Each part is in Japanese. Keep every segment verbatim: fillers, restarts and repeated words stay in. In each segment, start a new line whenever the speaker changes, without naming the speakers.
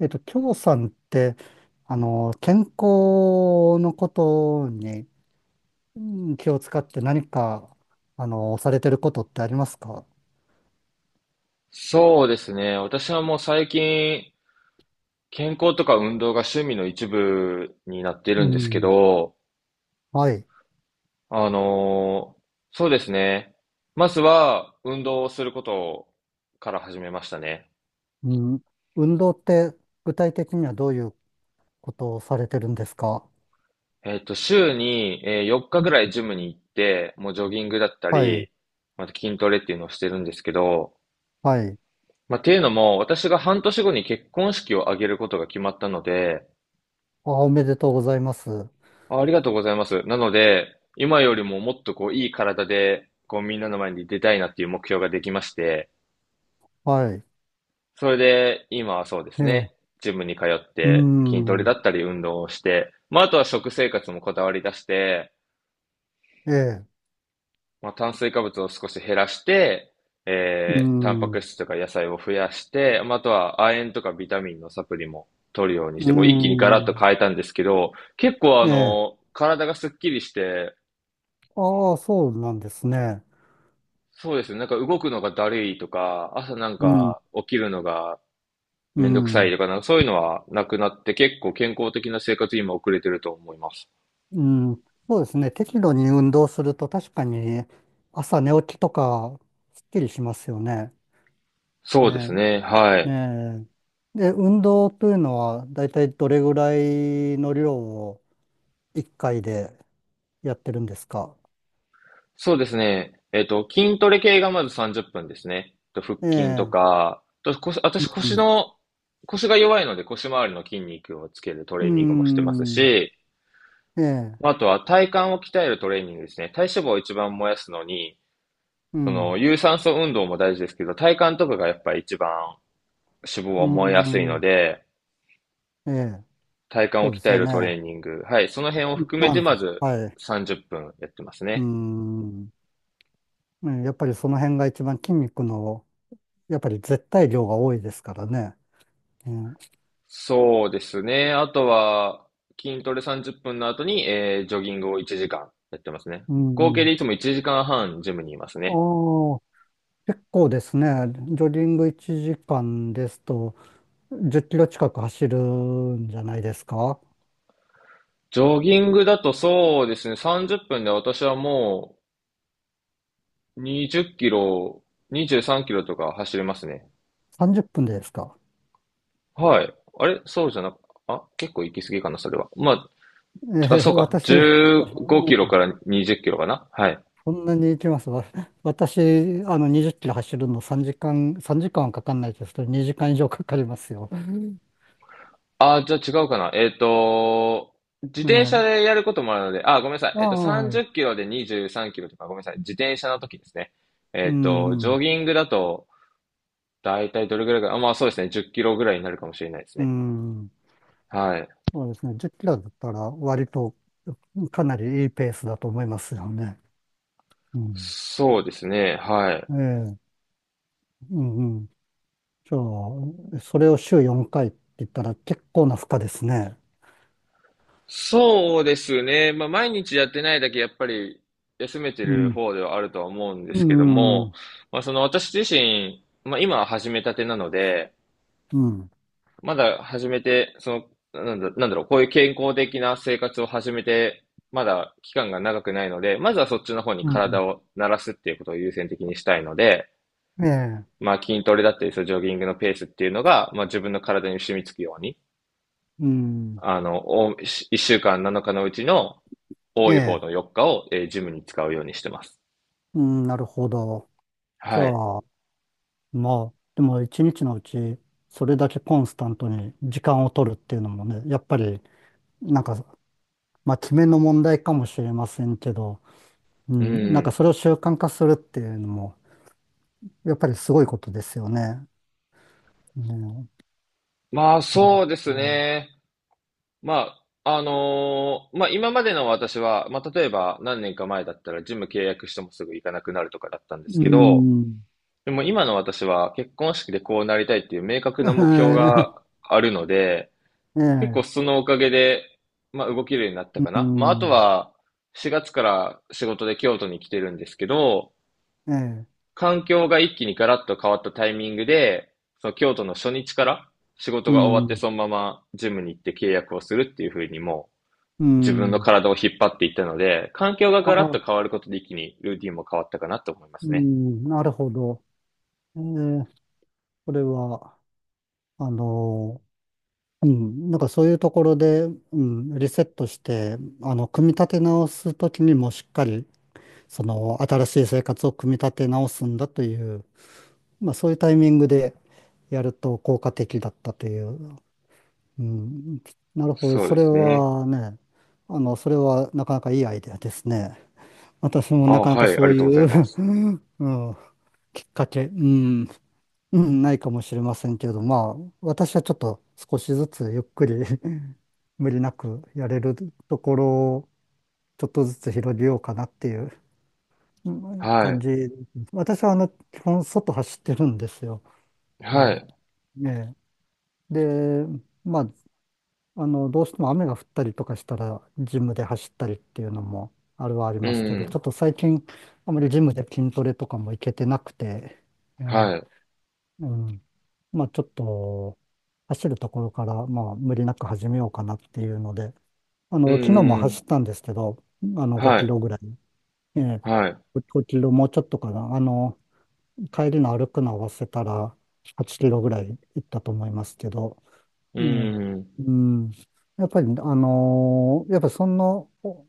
えっと、京さんって、あの、健康のことにうん気を使って何か、あの、されてることってありますか？
そうですね。私はもう最近、健康とか運動が趣味の一部になって
う
るんですけ
ん。
ど、
はい。
あのーそうですね。まずは、運動をすることから始めましたね。
うん。運動って具体的にはどういうことをされてるんですか？
えっと、週に、えーよっかぐらいジムに行って、もうジョギングだった
はい。
り、また筋トレっていうのをしてるんですけど、
はい。
まあ、っていうのも、私が半年後に結婚式を挙げることが決まったので、
あ、おめでとうございます。
あ、ありがとうございます。なので、今よりももっとこう、いい体で、こう、みんなの前に出たいなっていう目標ができまして、
はい。
それで、今はそうで
え
す
え。
ね、ジムに通っ
う
て筋トレだ
ん。
ったり運動をして、まあ、あとは食生活もこだわり出して、
ええ。
まあ、炭水化物を少し減らして、
う
えー、タンパク
ん。
質とか野菜を増やして、まあ、あとは亜鉛とかビタミンのサプリも取るようにし
う
て、こう、一気にガラッと
ん。
変えたんですけど、結構あ
ええ。
の、体がスッキリして、
ああ、そうなんですね。
そうですね。なんか動くのがだるいとか、朝なん
うん。
か起きるのが
う
めんどくさい
ん。
とか、なんかそういうのはなくなって結構健康的な生活に今送れてると思います。
うん、そうですね。適度に運動すると確かに朝寝起きとかすっきりしますよね。え
そうで
え。
すね。はい。
ねえ。で、運動というのはだいたいどれぐらいの量をいっかいでやってるんですか？
そうですね。えっと、筋トレ系がまずさんじゅっぷんですね。と腹
え
筋と
え、
か、と腰
う
私腰
ん、
の、腰が弱いので腰周りの筋肉をつけるト
う
レーニングもしてます
ん、
し、
ええ、
まあとは体幹を鍛えるトレーニングですね。体脂肪を一番燃やすのに、
う
その
ん、
有酸素運動も大事ですけど、体幹とかがやっぱり一番脂肪
う
は燃えやすいの
ん、
で、
ええ、
体幹
そ
を
うで
鍛
す
え
よ
るトレ
ね。
ーニング。はい。その辺を含め
な
て、
ん
ま
だ、
ず
はい、
さんじゅっぷんやってます
う
ね。
ん、ね、やっぱりその辺が一番筋肉の、やっぱり絶対量が多いですからね。ね。
そうですね。あとは、筋トレさんじゅっぷんの後に、えー、ジョギングをいちじかんやってますね。
う
合計
ん。
でいつもいちじかんはんジムにいます
あ
ね。
あ、結構ですね。ジョギングいちじかんですと、じゅっキロ近く走るんじゃないですか？
ジョギングだとそうですね、さんじゅっぷんで私はもうにじゅっキロ、にじゅうさんキロとか走れますね。
さんじゅう 分でですか？
はい。あれそうじゃなく、あ、結構行き過ぎかな、それは。まあ、あ、
え
そ
ー、
うか。
私、う
15キ
ん、
ロからにじゅっキロかな。はい。
そんなに行きます。わ私、あの、にじゅっキロ走るのさんじかん、さんじかんはかかんないですけど、にじかん以上かかりますよ。
あ、じゃあ違うかな。えっと、自
え
転車
え、
でやることもあるので、あ、ごめんなさい。
あ
えっ
あ、
と、
は
30
い。
キロでにじゅうさんキロとか、ごめんなさい。自転車の時ですね。
うん、
えっと、
う
ジョ
ん、
ギングだと、だいたいどれぐらいか、あ、まあそうですね。じゅっキロぐらいになるかもしれないです
う
ね。
ん、
はい。
そうですね。じゅっキロだったら割とかなりいいペースだと思いますよね。うん、
そうですね。はい。
ええ、うん、うん。じゃあ、それを週よんかいって言ったら結構な負荷ですね。
そうですね。まあ、毎日やってないだけ、やっぱり休めて
う
る
ん、
方ではあるとは思うんで
う
すけど
ん、う
も、
ん、
まあ、その私自身、まあ、今は始めたてなので、
うん、
まだ始めて、その、なんだ、なんだろう、こういう健康的な生活を始めて、まだ期間が長くないので、まずはそっちの方に
う
体
ん。
を慣らすっていうことを優先的にしたいので、
ええ、
まあ、筋トレだったり、そのジョギングのペースっていうのが、まあ、自分の体に染みつくように、
うん、
あの、お、一週間なのかのうちの、
え
多い方
え、
のよっかを、えージムに使うようにしてます。
うん、なるほど。じゃ
はい。
あ、まあ、でも一日のうち、それだけコンスタントに時間を取るっていうのもね、やっぱり、なんか、まあ、決めの問題かもしれませんけど、う
う
ん、なんか
ん。
それを習慣化するっていうのも、やっぱりすごいことですよね。ね。
まあ、
う
そ
ん
うですね。まあ、あのーまあ、今までの私は、まあ、例えば何年か前だったらジム契約してもすぐ行かなくなるとかだったんです
う
けど、
ん。
でも今の私は結婚式でこうなりたいっていう明確な目標 があるので、
え
結構
え、
そのおかげで、まあ、動けるようになったか
う
な。まあ、あと
ん、
は、しがつから仕事で京都に来てるんですけど、
ええ、
環境が一気にガラッと変わったタイミングで、その京都の初日から仕事
う
が終わって
ん、
そのままジムに行って契約をするっていう風にも
う
う自分の
ん。
体を引っ張っていったので、環境が
あ
ガラッと
あ、
変わることで一気にルーティンも変わったかなと思いま
う
すね。
ん、なるほど。ええ、それは、あの、うん、なんかそういうところで、うん、リセットして、あの、組み立て直すときにもしっかり、その、新しい生活を組み立て直すんだという、まあそういうタイミングでやると効果的だったという。うん、なるほど。
そう
そ
で
れ
すね。
はね、あの、それはなかなかいいアイデアですね。私も
あ、
な
は
かなか
い、あ
そう
りがとうござ
い
いま
う
す。
うん、きっかけ、うん、うん、ないかもしれませんけれど、まあ、私はちょっと少しずつゆっくり 無理なくやれるところをちょっとずつ広げようかなっていううん
は
感
い。
じ。私はあの、基本外走ってるんですよ。え
はい。
え、ええ。で、まあ、あの、どうしても雨が降ったりとかしたら、ジムで走ったりっていうのもあるはあり
う
ますけ
ん
ど、ちょ
ん。
っと最近、あまりジムで筋トレとかも行けてなくて、え
はい。
ーうん、まあちょっと、走るところから、まあ無理なく始めようかなっていうので、あ
う
の、昨日も
んう
走っ
ん。
たんですけど、あの、5
は
キ
い。
ロぐらい、え
はい。
5、ごキロもうちょっとかな、あの、帰りの歩くの合わせたら、はちキロぐらい行ったと思いますけど、ええ、
う
うん。やっぱり、あのーやっぱその、お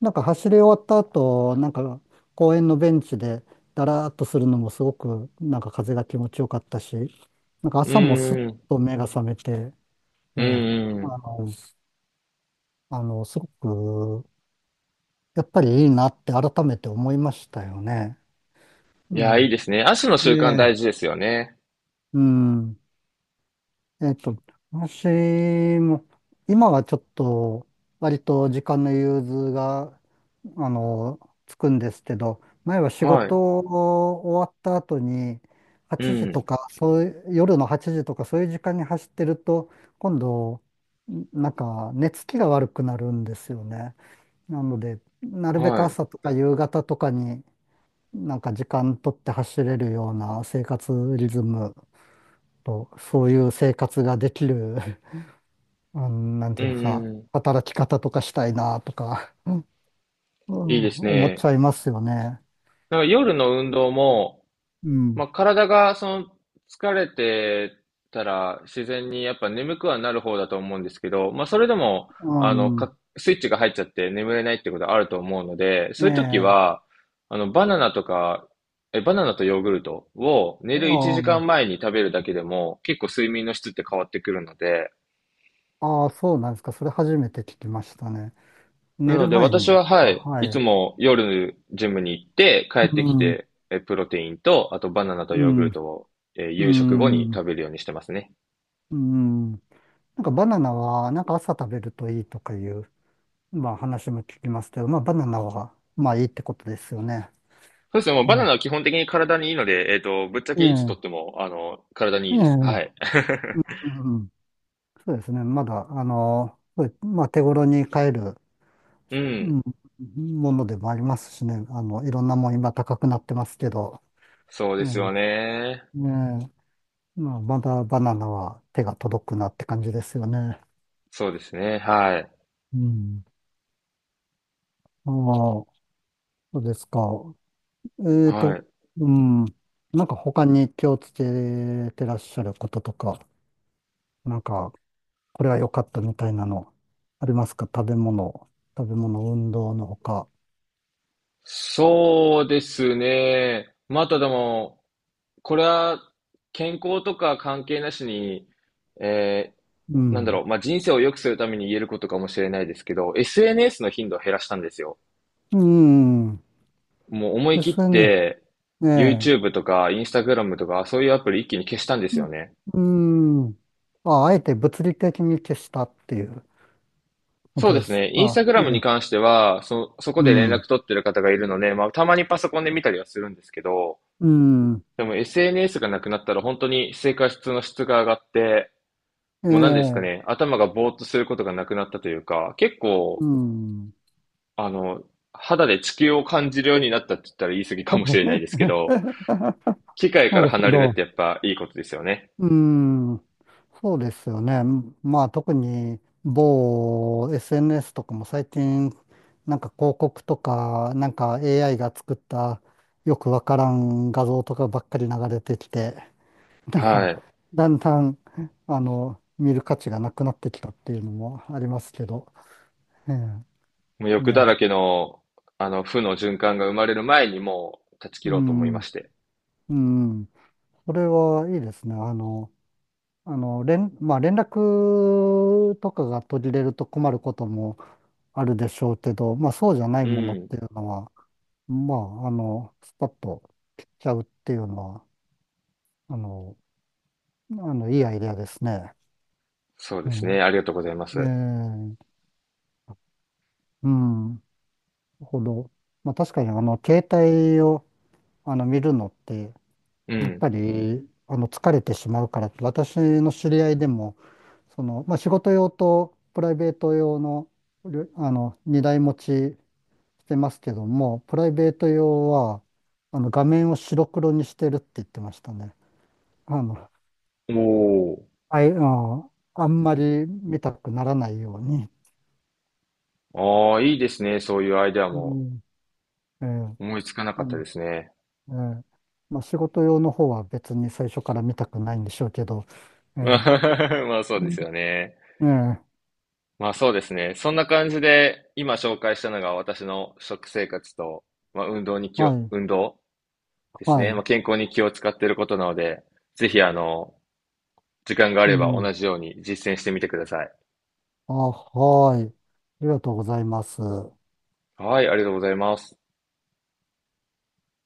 なんか走り終わった後、なんか公園のベンチでだらーっとするのもすごく、なんか風が気持ちよかったし、なんか
ん
朝もすっ
う。
と目が覚めて、え
うんう
え、
んうん。うんう
あ
ん。
の、あの、すごく、やっぱりいいなって改めて思いましたよね。え
いや、いいですね。足の
え、え
習慣大事
え、
ですよね。
うん。えっと、私も、今はちょっと、割と時間の融通が、あの、つくんですけど、前は仕
は
事
い。
を終わった後に、
う
はちじと
ん。
か、そういう、夜のはちじとか、そういう時間に走ってると、今度、なんか、寝つきが悪くなるんですよね。なので、なるべく
はい。
朝とか夕方とかに、なんか時間取って走れるような生活リズムと、そういう生活ができるうん、なん
う
ていう
ん
か、
う
働き方とかしたいなとか、う
ん。いい
ん、
です
思っ
ね。
ちゃいますよね。
なんか夜の運動も、
う
ま
ん。
あ、体がその疲れてたら自然にやっぱ眠くはなる方だと思うんですけど、まあ、それでも、
う
あの、
ん。
か、スイッチが入っちゃって眠れないってことあると思うので、
え
そういう時
え。
は、あの、バナナとか、え、バナナとヨーグルトを寝る1
う
時
ん。
間前に食べるだけでも結構睡眠の質って変わってくるので、
ああ、そうなんですか。それ初めて聞きましたね。
な
寝
の
る
で、
前に
私
です
は、は
か？
い、
は
いつ
い。
も夜ジムに行って、帰
う
ってき
ん。
て、え、プロテインと、あとバナナと
う
ヨーグ
ん。
ルトを、えー
う
夕食後に食
ん。
べるようにしてますね。
うん。なんかバナナは、なんか朝食べるといいとかいう、まあ話も聞きますけど、まあバナナは、まあいいってことですよね。
そうですね、もうバナ
ね。
ナは基本的に体にいいので、えっと、ぶっちゃ
え
けいつと
え。
っても、あの、体にい
え
いです。は
え。
い。
うん。そうですね。まだ、あの、そう、まあ、手頃に買える、
う
う
ん。
んものでもありますしね。あの、いろんなもん今高くなってますけど、
そうですよ
ね
ね。
え、ねえ、まあ、まだバナナは手が届くなって感じですよね。
そうですね。はい。
うん。ああ、そうですか。えっ
は
と、
い。
うん。なんか他に気をつけてらっしゃることとか、なんか、これは良かったみたいなの、ありますか？食べ物、食べ物、運動のほか。
そうですね。またでも、これは健康とか関係なしに、え
う
なんだろ
ん。
う、まあ、人生を良くするために言えることかもしれないですけど、エスエヌエス の頻度を減らしたんですよ。
うん。
もう思い
で
切っ
すね。
て、
ええ。
YouTube とか Instagram とか、そういうアプリ一気に消したんです
う
よ
ん。
ね。
うん。あ、あえて物理的に消したっていうこ
そ
と
うで
で
す
す。
ね。
あ、
Instagram
え
に
え。
関しては、そ、そこ
う
で連
ん。
絡取ってる方がいるので、まあ、たまにパソコンで見たりはするんですけど、
うん。
でも エスエヌエス がなくなったら本当に生活の質が上がって、
え
もう何ですか
え。
ね、頭がぼーっとすることがなくなったというか、結構
うん。
あの、肌で地球を感じるようになったって言ったら言い過ぎかもしれないですけ ど、機械か
な
ら
るほ
離れるっ
ど。
てやっぱいいことですよね。
うん。そうですよね。まあ特に某 エスエヌエス とかも最近なんか広告とかなんか エーアイ が作ったよくわからん画像とかばっかり流れてきて、なんか、
はい。
だんだん、あの、見る価値がなくなってきたっていうのもありますけど、ええ、
もう
ね
欲だ
え、
らけの、あの、負の循環が生まれる前にもう断ち切
う
ろうと思い
ん、
まして。
うん、それはいいですね。あの、あの、連、まあ、連絡とかが途切れると困ることもあるでしょうけど、まあ、そうじゃない
う
ものっ
ん。
ていうのは、まあ、あの、スパッと切っちゃうっていうのは、あの、あの、いいアイデアですね。
そうで
う
すね。ありが
ん、
とうございま
え
す。
え、うん、なるほど。まあ、確かに、あの、携帯を、あの、見るのって、
う
やっ
ん。
ぱり、あの、疲れてしまうからって、私の知り合いでも、その、まあ、仕事用とプライベート用の、りょあの、二台持ちしてますけども、プライベート用は、あの、画面を白黒にしてるって言ってましたね。あの、
お
あい、あのあんまり見たくならないように。
お。ああ、いいですね。そういうアイデア
う
も
ん。ええ。
思いつかなか
あ
った
の、
ですね。
ええ、まあ、仕事用の方は別に最初から見たくないんでしょうけど、ええ、
まあそうです
う
よね。
ん、ええ、
まあそうですね。そんな感じで、今紹介したのが私の食生活と、まあ運動に気を、
はい、
運動です
は
ね。まあ
い、
健康に気を使っていることなので、ぜひあの、時間があ
う
れば
ん、
同じように実践してみてください。
あ、はい、ありがとうございます。
はい、ありがとうございます。